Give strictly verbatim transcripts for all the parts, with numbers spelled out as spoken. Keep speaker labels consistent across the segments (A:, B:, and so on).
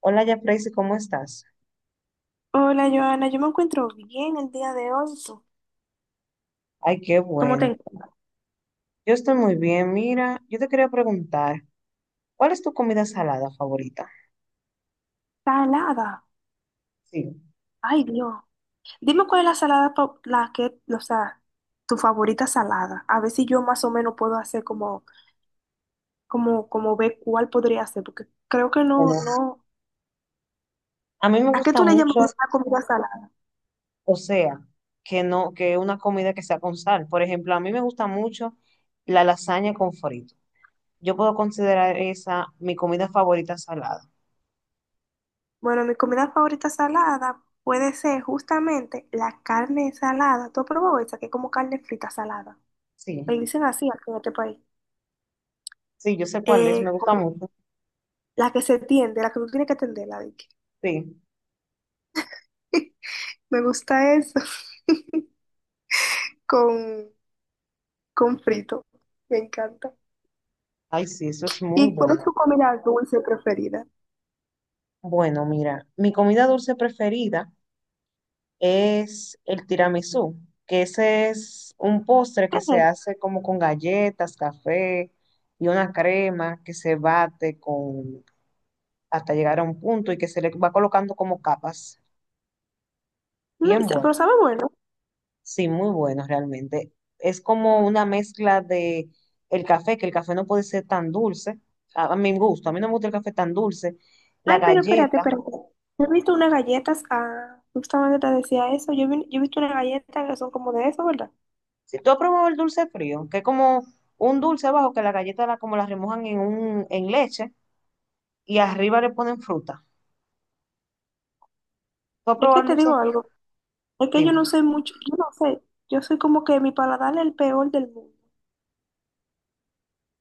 A: Hola, ya Tracy, ¿cómo estás?
B: Hola, Joana, yo me encuentro bien el día de hoy. ¿Tú?
A: Ay, qué
B: ¿Cómo te
A: bueno.
B: encuentras?
A: Yo estoy muy bien. Mira, yo te quería preguntar, ¿cuál es tu comida salada favorita?
B: Salada.
A: Sí,
B: Ay, Dios. Dime cuál es la salada, po- la que, o sea, tu favorita salada. A ver si yo más o menos puedo hacer como, como, como ver cuál podría hacer, porque creo que no,
A: bueno,
B: no.
A: a mí me
B: ¿A qué
A: gusta
B: tú le llamas
A: mucho,
B: una comida salada?
A: o sea, que no, que una comida que sea con sal. Por ejemplo, a mí me gusta mucho la lasaña con frito. Yo puedo considerar esa mi comida favorita salada.
B: Bueno, mi comida favorita salada puede ser justamente la carne salada. ¿Tú has probado esa que es como carne frita salada?
A: Sí,
B: Le dicen así aquí en este país.
A: sí, yo sé cuál es, me
B: Eh,
A: gusta
B: con-
A: mucho.
B: la que se tiende, la que tú tienes que tenderla.
A: Sí,
B: Me gusta eso con, con frito. Me encanta.
A: ay, sí, eso es muy
B: ¿Y cuál
A: bueno.
B: es tu comida dulce preferida?
A: Bueno, mira, mi comida dulce preferida es el tiramisú, que ese es un postre
B: ¿Qué
A: que se
B: es?
A: hace como con galletas, café y una crema que se bate con hasta llegar a un punto y que se le va colocando como capas.
B: No, es-
A: Bien
B: pero
A: bueno.
B: sabe bueno.
A: Sí, muy bueno realmente. Es como una mezcla de el café, que el café no puede ser tan dulce. A, a mi gusto, a mí no me gusta el café tan dulce. La
B: Ay, pero espérate,
A: galleta.
B: espérate. Yo he visto unas galletas, ah, justamente te decía eso. Yo, vi- yo he visto unas galletas que son como de eso, ¿verdad?
A: Si tú has probado el dulce frío, que es como un dulce bajo que la galleta la, como la remojan en un en leche y arriba le ponen fruta. ¿Tú has
B: Es que
A: probado el
B: te
A: dulce
B: digo
A: de fresa?
B: algo. Es que yo
A: Dime.
B: no sé mucho, yo no sé. Yo soy como que mi paladar es el peor del mundo.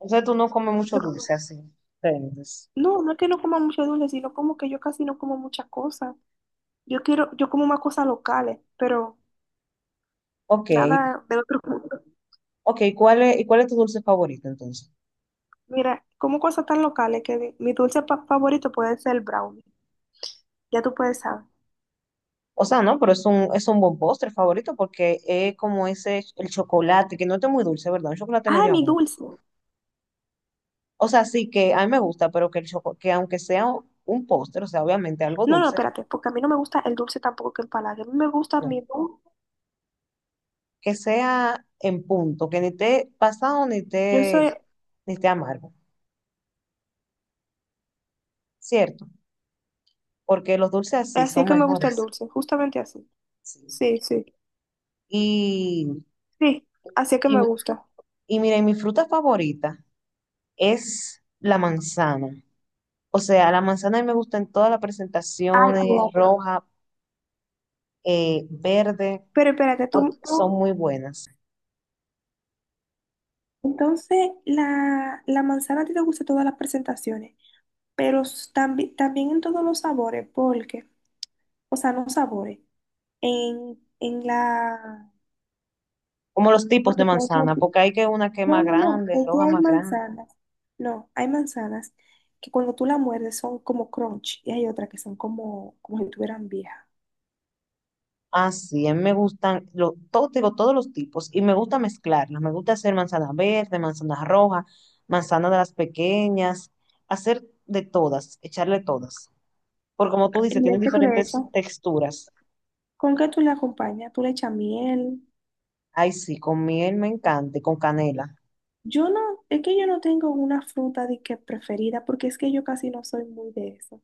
A: Entonces tú no comes mucho
B: Yo
A: dulce
B: como-
A: así. Entonces,
B: no, no es que no coma mucho dulce, sino como que yo casi no como muchas cosas. Yo quiero, yo como más cosas locales, pero
A: ok,
B: nada de otro mundo.
A: ok. ¿Cuál es, y cuál es tu dulce favorito entonces?
B: Mira, como cosas tan locales que di- mi dulce pa- favorito puede ser el brownie. Ya tú puedes saber.
A: O sea, no, pero es un, es un buen postre favorito porque es como ese, el chocolate, que no es muy dulce, ¿verdad? Un chocolate
B: Ah,
A: medio
B: mi
A: amargo.
B: dulce.
A: O sea, sí que a mí me gusta, pero que, el choco- que aunque sea un postre, o sea, obviamente algo
B: No, no,
A: dulce,
B: espérate, porque a mí no me gusta el dulce tampoco que empalague. A mí me gusta
A: no.
B: mi dulce.
A: Que sea en punto, que ni esté pasado ni
B: Yo
A: esté,
B: soy
A: ni esté amargo, ¿cierto? Porque los dulces así
B: así
A: son
B: que me gusta el
A: mejores.
B: dulce, justamente así.
A: Sí.
B: Sí, sí,
A: Y,
B: sí, así que
A: y,
B: me gusta.
A: y mira, y mi fruta favorita es la manzana. O sea, la manzana a mí me gusta en todas las
B: Ay,
A: presentaciones,
B: fíjate.
A: roja, eh, verde,
B: Pero espérate,
A: porque
B: tú,
A: son
B: tú-
A: muy buenas.
B: entonces la, la manzana a ti te gusta en todas las presentaciones, pero también, también en todos los sabores, porque, o sea, no sabores. En, en la,
A: Como los tipos de
B: porque por
A: manzana,
B: ejemplo,
A: porque hay que una que es
B: no,
A: más
B: no, no,
A: grande,
B: es que
A: roja
B: hay
A: más grande.
B: manzanas, no, hay manzanas que cuando tú la muerdes son como crunch y hay otras que son como, como si estuvieran viejas.
A: Así, a mí me gustan, lo, todo, te digo, todos los tipos, y me gusta mezclarlas. Me gusta hacer manzana verde, manzana roja, manzana de las pequeñas, hacer de todas, echarle todas. Porque como tú dices,
B: Y es
A: tienen
B: que tú le
A: diferentes
B: echas,
A: texturas.
B: ¿con qué tú le acompañas? Tú le echas miel.
A: Ay, sí, con miel me encanta y con canela.
B: Yo no, es que yo no tengo una fruta de que preferida porque es que yo casi no soy muy de eso. O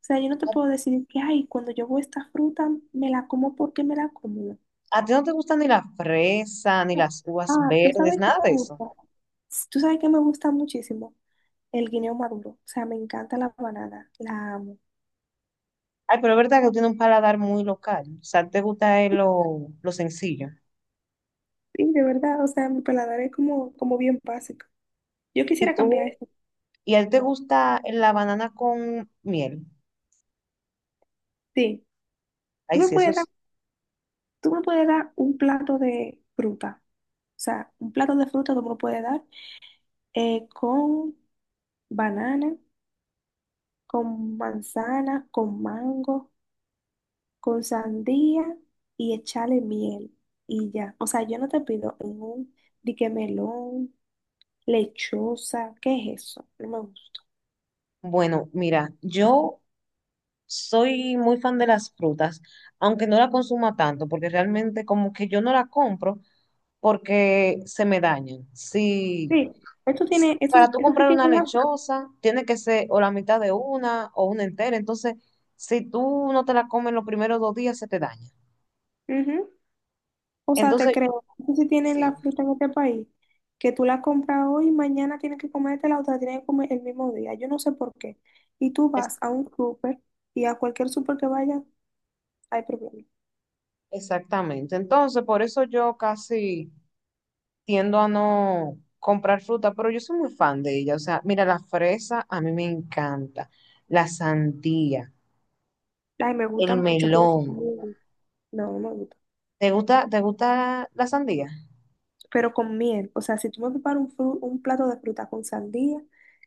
B: sea, yo no te puedo decir que, ay, cuando yo veo esta fruta me la como porque me la como.
A: ¿A ti no te gusta ni la fresa, ni las uvas
B: Ah, ¿tú
A: verdes,
B: sabes qué
A: nada de
B: me
A: eso?
B: gusta? ¿Tú sabes que me gusta muchísimo? El guineo maduro. O sea, me encanta la banana. La amo.
A: Ay, pero es verdad que tiene un paladar muy local. O sea, te gusta es lo, lo sencillo.
B: Sí, de verdad. O sea, mi paladar es como, como bien básico. Yo
A: ¿Y
B: quisiera
A: tú?
B: cambiar esto.
A: ¿Y a ti te gusta la banana con miel?
B: Sí. Tú
A: Ay,
B: me
A: sí, eso
B: puedes dar,
A: es
B: tú me puedes dar un plato de fruta. O sea, un plato de fruta tú me lo puedes dar eh, con banana, con manzana, con mango, con sandía y echarle miel y ya. O sea, yo no te pido en un dique melón, lechosa, ¿qué es eso? No me gusta.
A: bueno. Mira, yo soy muy fan de las frutas, aunque no la consuma tanto, porque realmente como que yo no la compro porque se me dañan. Sí,
B: Sí, esto tiene, esto,
A: para tú
B: esto sí
A: comprar una
B: tiene la fruta.
A: lechosa, tiene que ser o la mitad de una o una entera. Entonces, si tú no te la comes los primeros dos días, se te daña.
B: Ujú. O sea, te
A: Entonces,
B: creo, esto sí tiene
A: sí,
B: la fruta en este país, que tú la compras hoy y mañana tienes que comértela o te la otra, tienes que comer el mismo día. Yo no sé por qué. Y tú
A: es-
B: vas a un súper y a cualquier súper que vaya, hay problema.
A: exactamente. Entonces, por eso yo casi tiendo a no comprar fruta, pero yo soy muy fan de ella. O sea, mira, la fresa a mí me encanta. La sandía,
B: Ay, me gusta
A: el
B: mucho, pero
A: melón.
B: conmigo. No, no me gusta,
A: ¿Te gusta, te gusta la sandía?
B: pero con miel. O sea, si tú me preparas un, fru- un plato de fruta con sandía,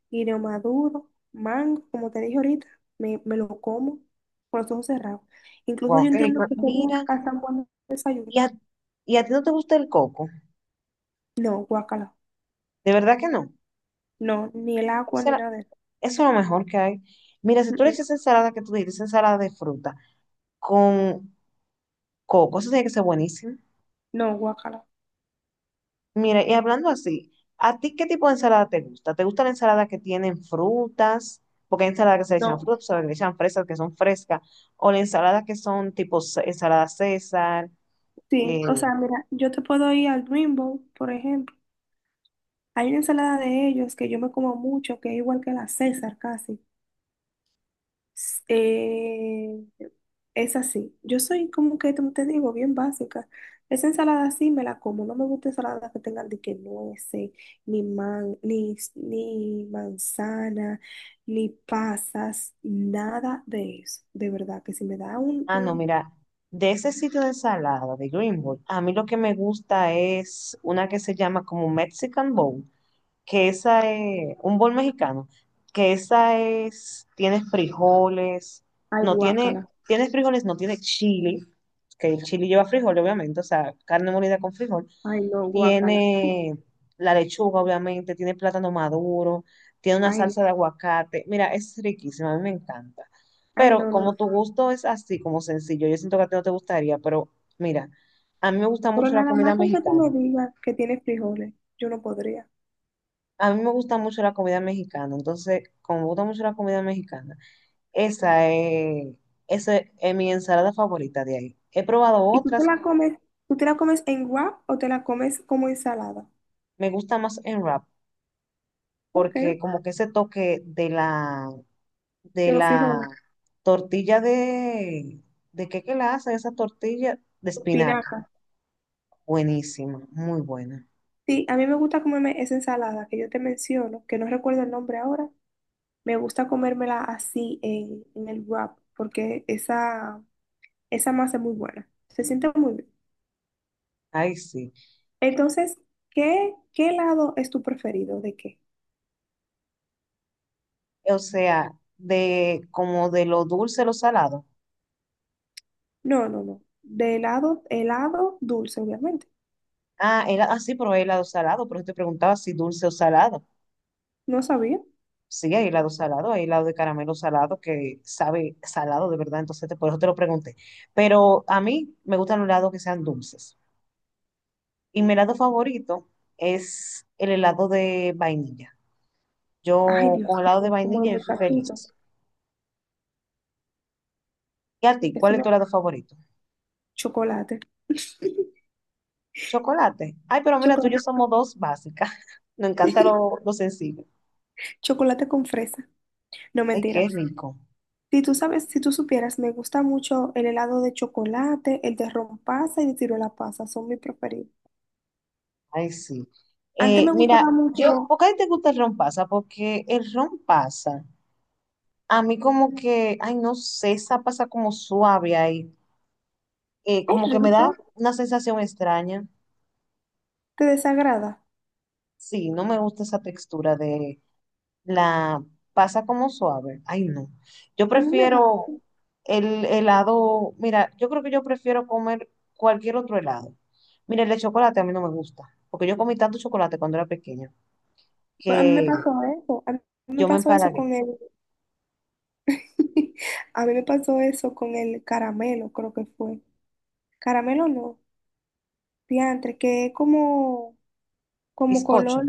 B: guineo maduro, mango, como te dije ahorita, me, me lo como con los ojos cerrados. Incluso
A: Wow,
B: yo
A: qué
B: entiendo
A: rico.
B: que sería
A: Mira,
B: hasta un buen desayuno.
A: ¿y a, y a ti no te gusta el coco?
B: No, guacala.
A: De verdad que
B: No, ni el agua ni
A: no.
B: nada de eso.
A: Eso es lo mejor que hay. Mira, si
B: Mm,
A: tú le
B: mm.
A: echas ensalada, que tú dices esa ensalada de fruta con coco, eso tiene que ser buenísimo.
B: No, guacala.
A: Mira, y hablando así, ¿a ti qué tipo de ensalada te gusta? ¿Te gusta la ensalada que tienen frutas? Porque hay ensaladas que se le echan
B: No.
A: frutas, se le echan fresas que son frescas, o la ensalada que son tipo ce- ensalada César.
B: Sí,
A: Eh,
B: o sea, mira, yo te puedo ir al Rainbow, por ejemplo. Hay una ensalada de ellos que yo me como mucho, que es igual que la César casi. eh, es así. Yo soy como que, como te digo, bien básica. Esa ensalada sí me la como. No me gusta ensalada que tengan de que nueces, ni man, ni, ni manzana, ni pasas, nada de eso. De verdad, que si me da un,
A: ah, no,
B: un-
A: mira, de ese sitio de ensalada de Greenwood, a mí lo que me gusta es una que se llama como Mexican Bowl, que esa es un bol mexicano, que esa es, tienes frijoles,
B: ay,
A: no tiene,
B: guácala.
A: tienes frijoles, no tiene chile, que el chile lleva frijol, obviamente, o sea, carne molida con frijol,
B: Ay, no, guácala.
A: tiene la lechuga, obviamente, tiene plátano maduro, tiene una
B: Ay, no,
A: salsa de aguacate, mira, es riquísima, a mí me encanta.
B: ay,
A: Pero
B: no, no.
A: como tu gusto es así, como sencillo, yo siento que a ti no te gustaría, pero mira, a mí me gusta
B: Pero
A: mucho la
B: nada
A: comida
B: más con que tú me
A: mexicana.
B: digas que tiene frijoles, yo no podría.
A: A mí me gusta mucho la comida mexicana, entonces, como me gusta mucho la comida mexicana, esa es, esa es mi ensalada favorita de ahí. He probado
B: ¿Y tú
A: otras,
B: te la comes, tú te la comes en wrap o te la comes como ensalada?
A: me gusta más en wrap,
B: Ok,
A: porque como que ese toque de la, de
B: yo los
A: la
B: frijoles,
A: tortilla de, ¿de qué que la hacen? Esa tortilla de espinaca,
B: espinaca.
A: buenísima, muy buena.
B: Sí, a mí me gusta comerme esa ensalada que yo te menciono, que no recuerdo el nombre ahora. Me gusta comérmela así en, en el wrap, porque esa, esa masa es muy buena. Se siente muy bien.
A: Ay, sí.
B: Entonces, ¿qué, qué helado es tu preferido? ¿De qué?
A: O sea, de como de lo dulce, lo salado.
B: No, no, no. De helado, helado dulce, obviamente.
A: Ah, era así, probé helado salado, pero yo te preguntaba si dulce o salado.
B: No sabía.
A: Sí, hay helado salado, hay helado de caramelo salado que sabe salado de verdad, entonces te- por eso te lo pregunté. Pero a mí me gustan los helados que sean dulces. Y mi helado favorito es el helado de vainilla.
B: Ay,
A: Yo
B: Dios
A: con helado de
B: mío, como de
A: vainilla yo soy
B: muchachito.
A: feliz. ¿Y a ti?
B: Eso
A: ¿Cuál es
B: me...
A: tu helado favorito?
B: Chocolate.
A: Chocolate. Ay, pero mira, tú y
B: Chocolate.
A: yo somos dos básicas. Nos encanta lo, lo sencillo.
B: Chocolate con fresa. No,
A: Ay, qué
B: mentira.
A: rico.
B: Si tú sabes, si tú supieras, me gusta mucho el helado de chocolate, el de rompasa y de tiro ciruela pasa, son mis preferidos.
A: Ay, sí.
B: Antes
A: Eh,
B: me gustaba
A: mira, yo,
B: mucho,
A: ¿por qué a ti te gusta el ron pasa? Porque el ron pasa. A mí como que, ay, no sé, esa pasa como suave ahí. Eh,
B: es
A: como que me da
B: rico,
A: una sensación extraña.
B: te desagrada.
A: Sí, no me gusta esa textura de la pasa como suave. Ay, no. Yo
B: A mí me
A: prefiero
B: gusta,
A: el helado, mira, yo creo que yo prefiero comer cualquier otro helado. Mira, el de chocolate a mí no me gusta, porque yo comí tanto chocolate cuando era pequeña
B: pero a mí me
A: que
B: pasó eso, a mí me
A: yo me
B: pasó eso
A: empalagué.
B: con el, a mí me pasó eso con el caramelo, creo que fue. Caramelo no, diantre, que es como, como
A: Bizcocho,
B: color,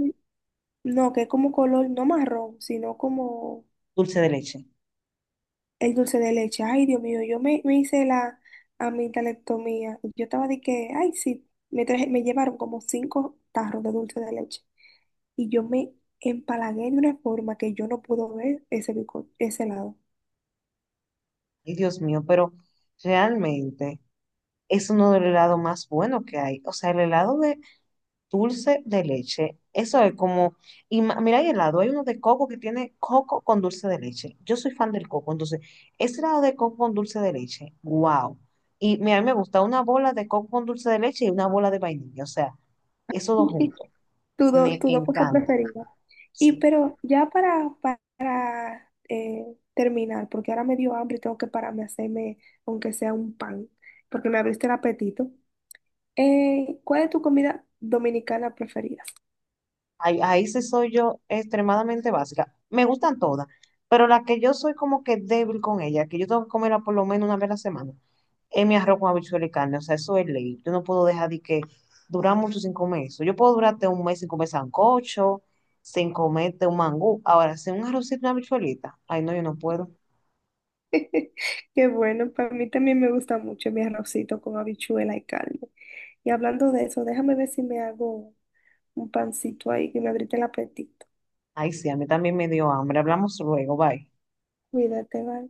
B: no, que es como color, no marrón, sino como
A: dulce de leche.
B: el dulce de leche. Ay, Dios mío, yo me, me hice la amidalectomía. Yo estaba de que, ay, sí, me traje, me llevaron como cinco tarros de dulce de leche. Y yo me empalagué de una forma que yo no pude ver ese, bico- ese lado.
A: Ay, Dios mío, pero realmente es uno del helado más bueno que hay. O sea, el helado de dulce de leche, eso es como, y ma- mira, hay helado, hay uno de coco que tiene coco con dulce de leche. Yo soy fan del coco, entonces, ese helado de coco con dulce de leche, wow. Y mira, a mí me gusta una bola de coco con dulce de leche y una bola de vainilla, o sea, esos dos juntos,
B: Tu dos
A: me
B: tu dos cosas
A: encanta.
B: preferidas. Y
A: Sí,
B: pero ya para, para eh, terminar, porque ahora me dio hambre y tengo que pararme a hacerme, aunque sea un pan, porque me abriste el apetito. Eh, ¿cuál es tu comida dominicana preferida?
A: ahí, ahí sí soy yo extremadamente básica. Me gustan todas, pero la que yo soy como que débil con ella, que yo tengo que comerla por lo menos una vez a la semana es mi arroz con habichuela y carne, o sea, eso es ley. Yo no puedo dejar de que durar mucho sin comer eso. Yo puedo durarte un mes sin comer sancocho, sin comerte un mangú. Ahora, sin un arrocito y una habichuelita, ay, no, yo no puedo.
B: Qué bueno, para mí también me gusta mucho mi arrocito con habichuela y carne. Y hablando de eso, déjame ver si me hago un pancito ahí que me abrite el apetito.
A: Ay, sí, a mí también me dio hambre. Hablamos luego, bye.
B: Cuídate, bye.